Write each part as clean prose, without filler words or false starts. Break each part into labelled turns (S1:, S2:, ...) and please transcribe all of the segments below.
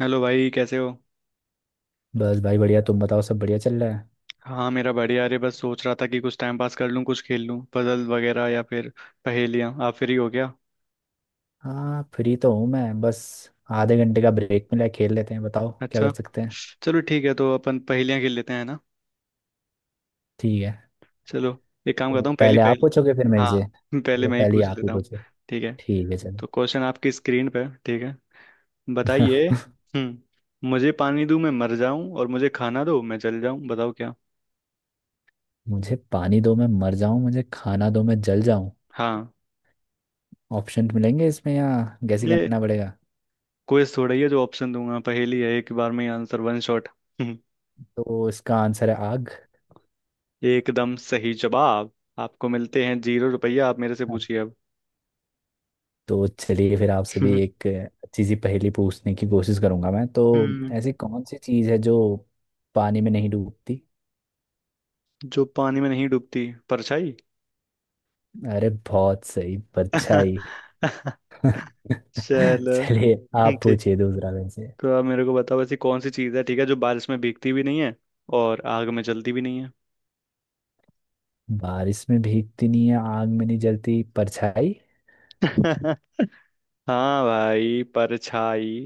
S1: Hello भाई, कैसे हो।
S2: बस भाई बढ़िया। तुम बताओ सब बढ़िया चल रहा है।
S1: हाँ, मेरा बढ़िया। अरे बस सोच रहा था कि कुछ टाइम पास कर लूँ, कुछ खेल लूँ, पजल वगैरह या फिर पहेलियाँ। आप फ्री हो गया?
S2: हाँ फ्री तो हूँ मैं। बस आधे घंटे का ब्रेक मिला है, खेल लेते हैं। बताओ क्या
S1: अच्छा।
S2: कर सकते हैं।
S1: चलो ठीक है, तो अपन पहेलियाँ खेल लेते हैं ना।
S2: ठीक है,
S1: चलो, एक काम
S2: तो
S1: करता हूँ, पहली
S2: पहले आप
S1: पहेली।
S2: पूछोगे फिर मेरे
S1: हाँ।
S2: से।
S1: पहले
S2: चलो
S1: मैं ही
S2: पहले
S1: पूछ
S2: आप ही
S1: लेता हूँ।
S2: पूछो।
S1: ठीक है।
S2: ठीक है चलो।
S1: तो क्वेश्चन आपकी स्क्रीन पे है, ठीक है। बताइए। मुझे पानी दूँ मैं मर जाऊँ, और मुझे खाना दो मैं जल जाऊँ। बताओ क्या।
S2: मुझे पानी दो मैं मर जाऊं, मुझे खाना दो मैं जल जाऊं।
S1: हाँ।
S2: ऑप्शन मिलेंगे इसमें या गैस ही
S1: ये
S2: करना पड़ेगा।
S1: क्वेश्चन थोड़ा ही है, जो ऑप्शन दूंगा। पहेली है, एक बार में ही आंसर, वन शॉट।
S2: तो इसका आंसर है आग।
S1: एकदम सही जवाब। आपको मिलते हैं 0 रुपया। आप मेरे से
S2: हाँ।
S1: पूछिए अब।
S2: तो चलिए फिर आपसे भी एक अच्छी सी पहेली पूछने की कोशिश करूंगा मैं तो।
S1: हम्म
S2: ऐसी कौन सी चीज़ है जो पानी में नहीं डूबती।
S1: जो पानी में नहीं डूबती, परछाई।
S2: अरे बहुत सही, परछाई।
S1: चलो।
S2: चलिए आप
S1: ठीक।
S2: पूछिए दूसरा वैसे।
S1: तो आप मेरे को बताओ, ऐसी कौन सी चीज़ है, ठीक है, जो बारिश में भीगती भी नहीं है और आग में जलती भी नहीं है।
S2: बारिश में भीगती नहीं है, आग में नहीं जलती, परछाई।
S1: हाँ भाई, परछाई।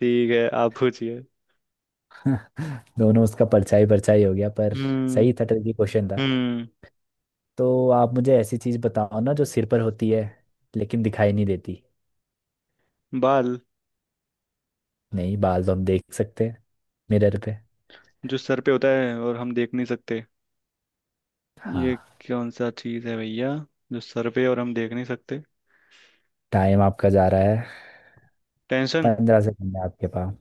S1: ठीक है, आप पूछिए।
S2: दोनों उसका परछाई परछाई हो गया पर सही
S1: हम्म।
S2: था। ट्रिकी क्वेश्चन था।
S1: हम्म।
S2: तो आप मुझे ऐसी चीज बताओ ना जो सिर पर होती है लेकिन दिखाई नहीं देती।
S1: बाल।
S2: नहीं, बाल तो हम देख सकते हैं मिरर पे।
S1: जो सर पे होता है और हम देख नहीं सकते। ये
S2: हाँ।
S1: कौन सा चीज है भैया? जो सर पे और हम देख नहीं सकते।
S2: टाइम आपका जा रहा है।
S1: टेंशन।
S2: 15 सेकंड है आपके पास।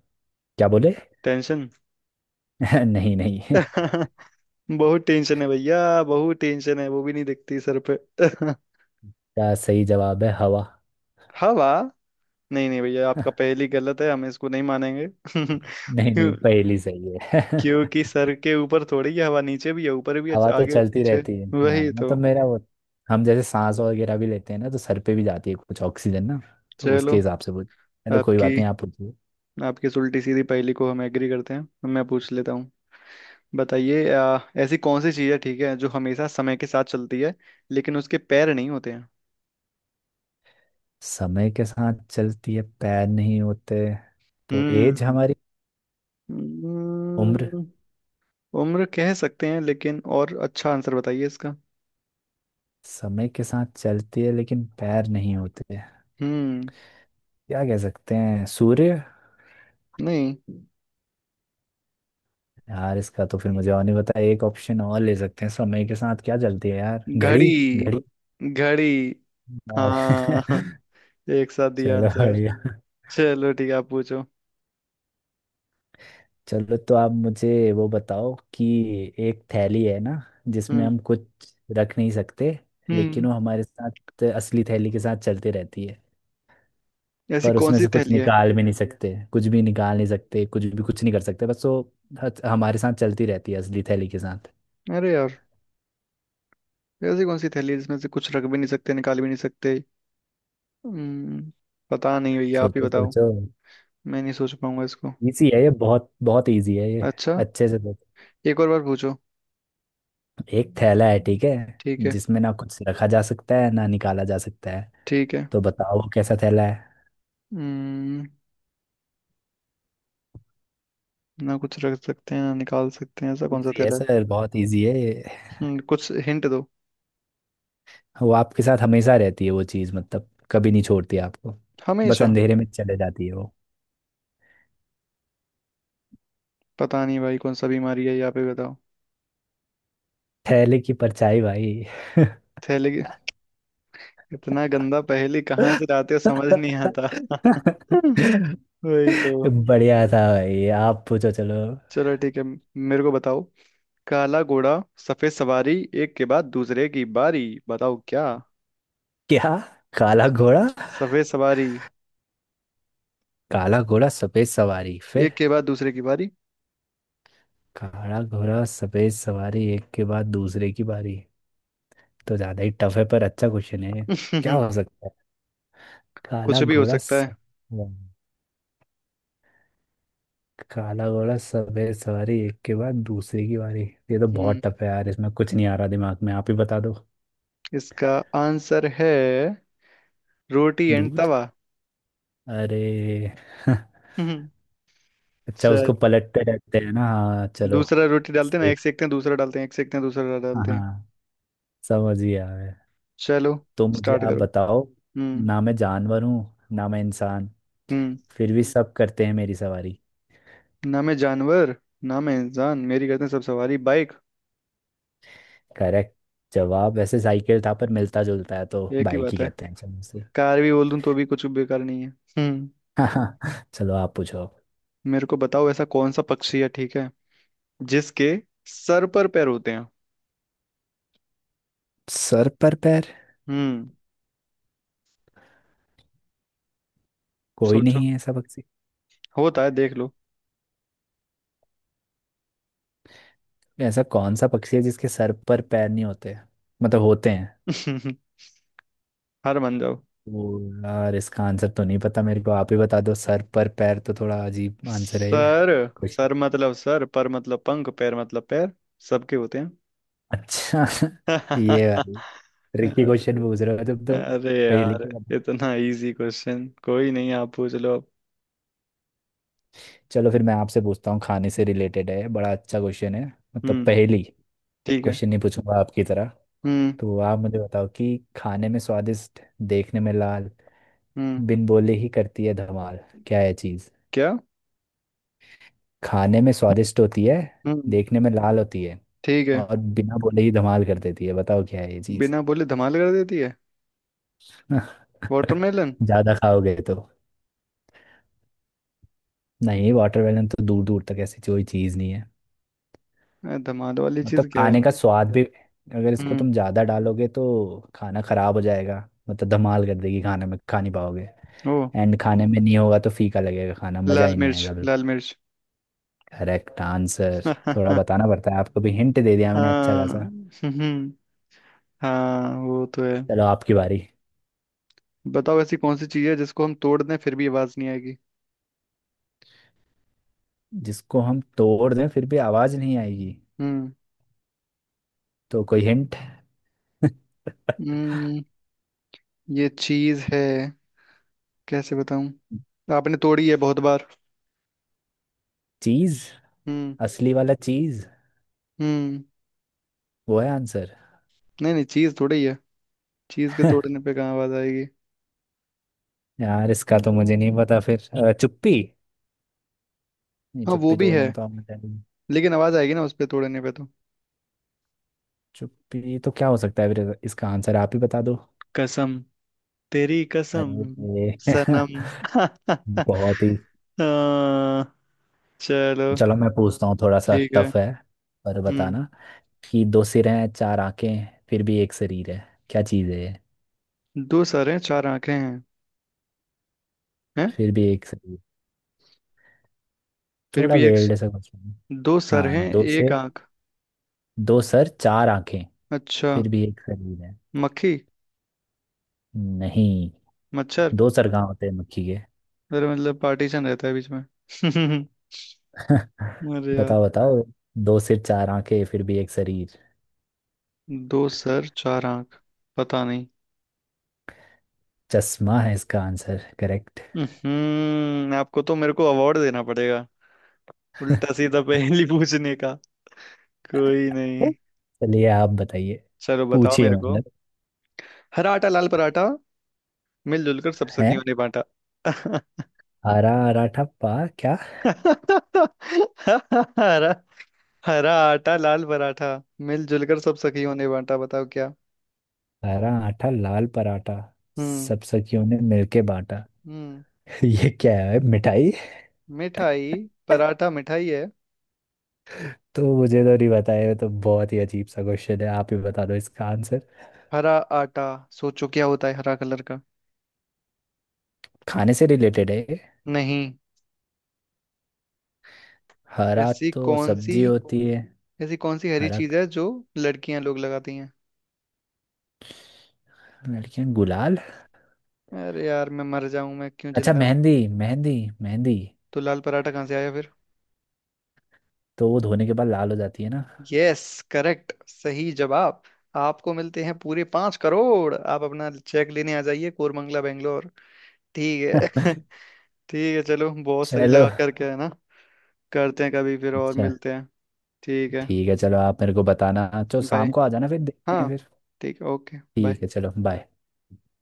S2: क्या बोले।
S1: टेंशन।
S2: नहीं नहीं।
S1: बहुत टेंशन है भैया, बहुत टेंशन है, वो भी नहीं दिखती सर पे।
S2: क्या सही जवाब है, हवा।
S1: हवा। नहीं नहीं भैया, आपका पहली गलत है, हम इसको नहीं मानेंगे।
S2: नहीं
S1: क्यों?
S2: नहीं, पहली सही है।
S1: क्योंकि सर के ऊपर थोड़ी है हवा, नीचे भी है, ऊपर भी है,
S2: हवा तो
S1: आगे
S2: चलती
S1: पीछे।
S2: रहती है। हाँ
S1: वही तो।
S2: मतलब मेरा वो, हम जैसे सांस वगैरह भी लेते हैं ना तो सर पे भी जाती है कुछ ऑक्सीजन ना। तो उसके
S1: चलो।
S2: हिसाब से पूछ। चलो कोई
S1: आपकी
S2: बात नहीं, आप पूछिए।
S1: आपकी इस उल्टी सीधी पहेली को हम एग्री करते हैं, मैं पूछ लेता हूँ। बताइए, ऐसी कौन सी चीज़ है, ठीक है, जो हमेशा समय के साथ चलती है लेकिन उसके पैर नहीं होते हैं।
S2: समय के साथ चलती है, पैर नहीं होते, तो एज
S1: हम्म।
S2: हमारी, उम्र।
S1: हम्म, उम्र कह सकते हैं, लेकिन और अच्छा आंसर बताइए इसका।
S2: समय के साथ चलती है लेकिन पैर नहीं होते,
S1: हम्म।
S2: क्या कह सकते हैं, सूर्य।
S1: नहीं।
S2: यार इसका तो फिर मुझे और नहीं पता। एक ऑप्शन और ले सकते हैं, समय के साथ क्या चलती है, यार घड़ी।
S1: घड़ी।
S2: घड़ी
S1: घड़ी।
S2: और
S1: हाँ। एक साथ दिया
S2: चलो
S1: आंसर।
S2: बढ़िया।
S1: चलो ठीक है, आप पूछो।
S2: चलो तो आप मुझे वो बताओ कि एक थैली है ना जिसमें
S1: हम्म।
S2: हम कुछ रख नहीं सकते, लेकिन
S1: हम्म
S2: वो हमारे साथ असली थैली के साथ चलते रहती है।
S1: ऐसी
S2: पर
S1: कौन
S2: उसमें
S1: सी
S2: से कुछ
S1: थैली है?
S2: निकाल भी नहीं सकते, कुछ भी निकाल नहीं सकते, कुछ भी कुछ नहीं कर सकते, बस वो हमारे साथ चलती रहती है असली थैली के साथ।
S1: अरे यार। ऐसी कौन सी थैली है जिसमें से कुछ रख भी नहीं सकते, निकाल भी नहीं सकते? हम्म। पता नहीं भैया, आप ही
S2: सोचो
S1: बताओ।
S2: सोचो।
S1: मैं नहीं सोच पाऊंगा इसको।
S2: इजी है ये, बहुत बहुत इजी है ये।
S1: अच्छा।
S2: अच्छे से सोचो।
S1: एक और बार पूछो।
S2: एक थैला है, ठीक है,
S1: ठीक है।
S2: जिसमें ना कुछ रखा जा सकता है ना निकाला जा सकता है।
S1: ठीक है।
S2: तो बताओ वो कैसा थैला है।
S1: हम्म, ना कुछ रख सकते हैं, ना निकाल सकते हैं, ऐसा कौन सा
S2: इजी है
S1: थैला है?
S2: सर, बहुत इजी है।
S1: कुछ हिंट दो।
S2: वो आपके साथ हमेशा रहती है वो चीज़, मतलब कभी नहीं छोड़ती आपको। बस
S1: हमेशा।
S2: अंधेरे में चले जाती है वो।
S1: पता नहीं भाई, कौन सा बीमारी है यहाँ पे बताओ।
S2: थैले की परछाई भाई।
S1: थैले की- इतना गंदा पहेली कहाँ से लाते हो, समझ नहीं आता। वही तो।
S2: बढ़िया था भाई, आप पूछो चलो।
S1: चलो ठीक है। मेरे को बताओ। काला घोड़ा, सफेद सवारी, एक के बाद दूसरे की बारी। बताओ क्या।
S2: क्या। काला घोड़ा।
S1: सफेद सवारी।
S2: काला घोड़ा सफेद सवारी फिर।
S1: एक के बाद दूसरे की बारी।
S2: काला घोड़ा सफेद सवारी, एक के बाद दूसरे की बारी। तो ज्यादा ही टफ है पर अच्छा क्वेश्चन है ये। क्या हो सकता है। काला
S1: कुछ भी हो
S2: घोड़ा
S1: सकता
S2: सफेद। काला घोड़ा सफेद सवारी एक के बाद दूसरे की बारी। ये तो
S1: है।
S2: बहुत टफ है यार, इसमें कुछ नहीं आ रहा दिमाग में, आप ही बता दो।
S1: इसका आंसर है, रोटी एंड
S2: दूध।
S1: तवा।
S2: अरे।
S1: हम्म,
S2: अच्छा,
S1: चल।
S2: उसको पलटते रहते हैं ना। हाँ चलो।
S1: दूसरा रोटी डालते हैं ना,
S2: सही।
S1: एक सेकते हैं, दूसरा डालते हैं, एक सेकते हैं, दूसरा
S2: हाँ
S1: डालते हैं।
S2: हाँ। समझ गया मैं।
S1: चलो।
S2: तो मुझे
S1: स्टार्ट
S2: आप
S1: करो।
S2: बताओ।
S1: हम्म।
S2: ना मैं जानवर हूँ ना मैं इंसान,
S1: हम्म।
S2: फिर भी सब करते हैं मेरी सवारी।
S1: ना मैं जानवर, ना मैं इंसान, मेरी करते हैं सब सवारी। बाइक।
S2: करेक्ट। जवाब वैसे साइकिल था पर मिलता जुलता है तो
S1: एक ही
S2: बाइक ही
S1: बात है।
S2: कहते हैं चलो इसे।
S1: कार भी बोल दूं तो भी कुछ बेकार नहीं है। हम्म।
S2: चलो आप पूछो अब।
S1: मेरे को बताओ, ऐसा कौन सा पक्षी है, ठीक है, जिसके सर पर पैर होते हैं?
S2: सर पर पैर।
S1: हम्म।
S2: कोई
S1: सोचो।
S2: नहीं है ऐसा पक्षी।
S1: होता है, देख लो।
S2: ऐसा कौन सा पक्षी है जिसके सर पर पैर नहीं होते, मतलब होते हैं।
S1: हार मान जाओ।
S2: ओ। यार इसका आंसर तो नहीं पता मेरे को, आप ही बता दो। सर पर पैर तो थोड़ा अजीब आंसर है ये।
S1: सर।
S2: कुछ।
S1: सर मतलब सर, पर मतलब पंख, पैर मतलब पैर। सबके होते हैं।
S2: अच्छा। ये भाई ट्रिकी क्वेश्चन पूछ
S1: अरे।
S2: रहे हो तुम तो।
S1: अरे
S2: पहेली
S1: यार।
S2: के बता।
S1: इतना इजी क्वेश्चन कोई नहीं। आप पूछ लो अब।
S2: चलो फिर मैं आपसे पूछता हूँ, खाने से रिलेटेड है, बड़ा अच्छा क्वेश्चन है, मतलब
S1: हम्म।
S2: पहेली।
S1: ठीक है।
S2: क्वेश्चन नहीं पूछूंगा आपकी तरह।
S1: हम्म।
S2: तो आप मुझे बताओ कि खाने में स्वादिष्ट, देखने में लाल,
S1: हम्म।
S2: बिन बोले ही करती है धमाल, क्या है चीज?
S1: क्या?
S2: खाने में स्वादिष्ट होती है,
S1: हम्म।
S2: देखने में लाल होती है,
S1: ठीक है।
S2: और बिना बोले ही धमाल कर देती है। बताओ क्या है ये चीज।
S1: बिना बोले धमाल कर देती है। वाटरमेलन।
S2: ज्यादा खाओगे तो। नहीं, वाटरमेलन तो दूर दूर तक ऐसी कोई चीज नहीं है।
S1: अरे, धमाल वाली
S2: मतलब
S1: चीज क्या है?
S2: खाने का स्वाद भी, अगर इसको
S1: हम्म।
S2: तुम ज्यादा डालोगे तो खाना खराब हो जाएगा, मतलब धमाल कर देगी, खाने में खा नहीं पाओगे।
S1: ओ।
S2: एंड खाने में नहीं होगा तो फीका लगेगा खाना, मजा
S1: लाल
S2: ही नहीं
S1: मिर्च,
S2: आएगा।
S1: लाल मिर्च।
S2: Correct answer. थोड़ा बताना पड़ता है, आपको भी हिंट दे दिया मैंने अच्छा
S1: हाँ।
S2: खासा।
S1: हाँ, वो तो है।
S2: चलो आपकी बारी।
S1: बताओ, ऐसी कौन सी चीज है जिसको हम तोड़ दें, फिर भी आवाज नहीं आएगी?
S2: जिसको हम तोड़ दें फिर भी आवाज नहीं आएगी।
S1: हम्म।
S2: तो कोई हिंट।
S1: हम्म, ये चीज है, कैसे बताऊं? आपने तोड़ी है बहुत बार।
S2: चीज।
S1: हम्म।
S2: असली वाला चीज
S1: हम्म।
S2: वो है आंसर।
S1: नहीं नहीं, चीज तोड़ी है। चीज के तोड़ने पे कहाँ आवाज आएगी?
S2: यार इसका तो मुझे नहीं पता फिर। चुप्पी। नहीं
S1: हाँ, वो
S2: चुप्पी
S1: भी
S2: तोड़ने
S1: है।
S2: में तो आप मजा नहीं।
S1: लेकिन आवाज आएगी ना, उस पे तोड़ने पे तो।
S2: चुप्पी तो, क्या हो सकता है फिर, इसका आंसर आप ही बता दो।
S1: कसम। तेरी कसम।
S2: अरे।
S1: सनम।
S2: बहुत ही।
S1: आ, चलो
S2: चलो मैं पूछता हूँ, थोड़ा सा
S1: ठीक है।
S2: टफ है पर
S1: हम्म।
S2: बताना, कि दो सिर हैं चार आंखें हैं, फिर भी एक शरीर है। क्या चीज है ये?
S1: दो सर हैं, चार आंखें हैं,
S2: फिर भी एक शरीर।
S1: फिर
S2: थोड़ा
S1: भी एक।
S2: वेल्ड सा कुछ।
S1: दो सर
S2: हाँ
S1: हैं,
S2: दो
S1: एक
S2: सिर।
S1: आंख।
S2: दो सर चार आंखें,
S1: अच्छा।
S2: फिर भी एक शरीर है।
S1: मक्खी।
S2: नहीं।
S1: मच्छर।
S2: दो सर कहाँ होते हैं मक्खी के।
S1: अरे मतलब पार्टीशन रहता है बीच में। अरे यार।
S2: बताओ बताओ। दो सिर चार आंखें फिर भी एक शरीर।
S1: दो सर, चार आंख। पता नहीं।
S2: चश्मा है इसका आंसर, करेक्ट।
S1: आपको तो मेरे को अवार्ड देना पड़ेगा। उल्टा सीधा पहेली पूछने का। कोई नहीं।
S2: चलिए आप बताइए।
S1: चलो बताओ
S2: पूछिए
S1: मेरे को।
S2: मतलब।
S1: हरा आटा, लाल पराठा, मिलजुल कर सब
S2: है
S1: सखियों ने बांटा।
S2: हरा आराठा पा। क्या।
S1: हरा। हरा आटा, लाल पराठा, मिलजुल कर सब सखियों ने बांटा। बताओ क्या।
S2: हरा आटा लाल पराठा,
S1: हम्म।
S2: सब सखियों ने मिलके बांटा।
S1: हम्म।
S2: ये क्या है, मिठाई।
S1: मिठाई। पराठा मिठाई है?
S2: तो मुझे तो नहीं बताया, तो बहुत ही अजीब सा क्वेश्चन है, आप ही बता दो इसका आंसर।
S1: हरा आटा। सोचो क्या होता है हरा कलर का।
S2: खाने से रिलेटेड है।
S1: नहीं।
S2: हरा
S1: ऐसी
S2: तो
S1: कौन सी
S2: सब्जी होती है।
S1: ऐसी कौन सी हरी
S2: हरा।
S1: चीज है जो लड़कियां लोग लगाती हैं?
S2: लड़कियां गुलाल।
S1: अरे यार, मैं मर जाऊं, मैं क्यों
S2: अच्छा
S1: जिंदा हूं।
S2: मेहंदी। मेहंदी। मेहंदी।
S1: तो लाल पराठा कहाँ से आया फिर?
S2: तो वो धोने के बाद लाल हो जाती है ना।
S1: यस। करेक्ट, सही जवाब। आपको मिलते हैं पूरे 5 करोड़। आप अपना चेक लेने आ जाइए कोरमंगला, बेंगलोर। ठीक है। ठीक है चलो, बहुत सही
S2: चलो।
S1: लगा, करके है ना। करते हैं कभी फिर और
S2: अच्छा।
S1: मिलते हैं। ठीक है।
S2: ठीक है चलो। आप मेरे को बताना, चलो
S1: बाय।
S2: शाम को आ जाना फिर देखते हैं
S1: हाँ।
S2: फिर।
S1: ठीक है, ओके,
S2: ठीक
S1: बाय।
S2: है चलो बाय।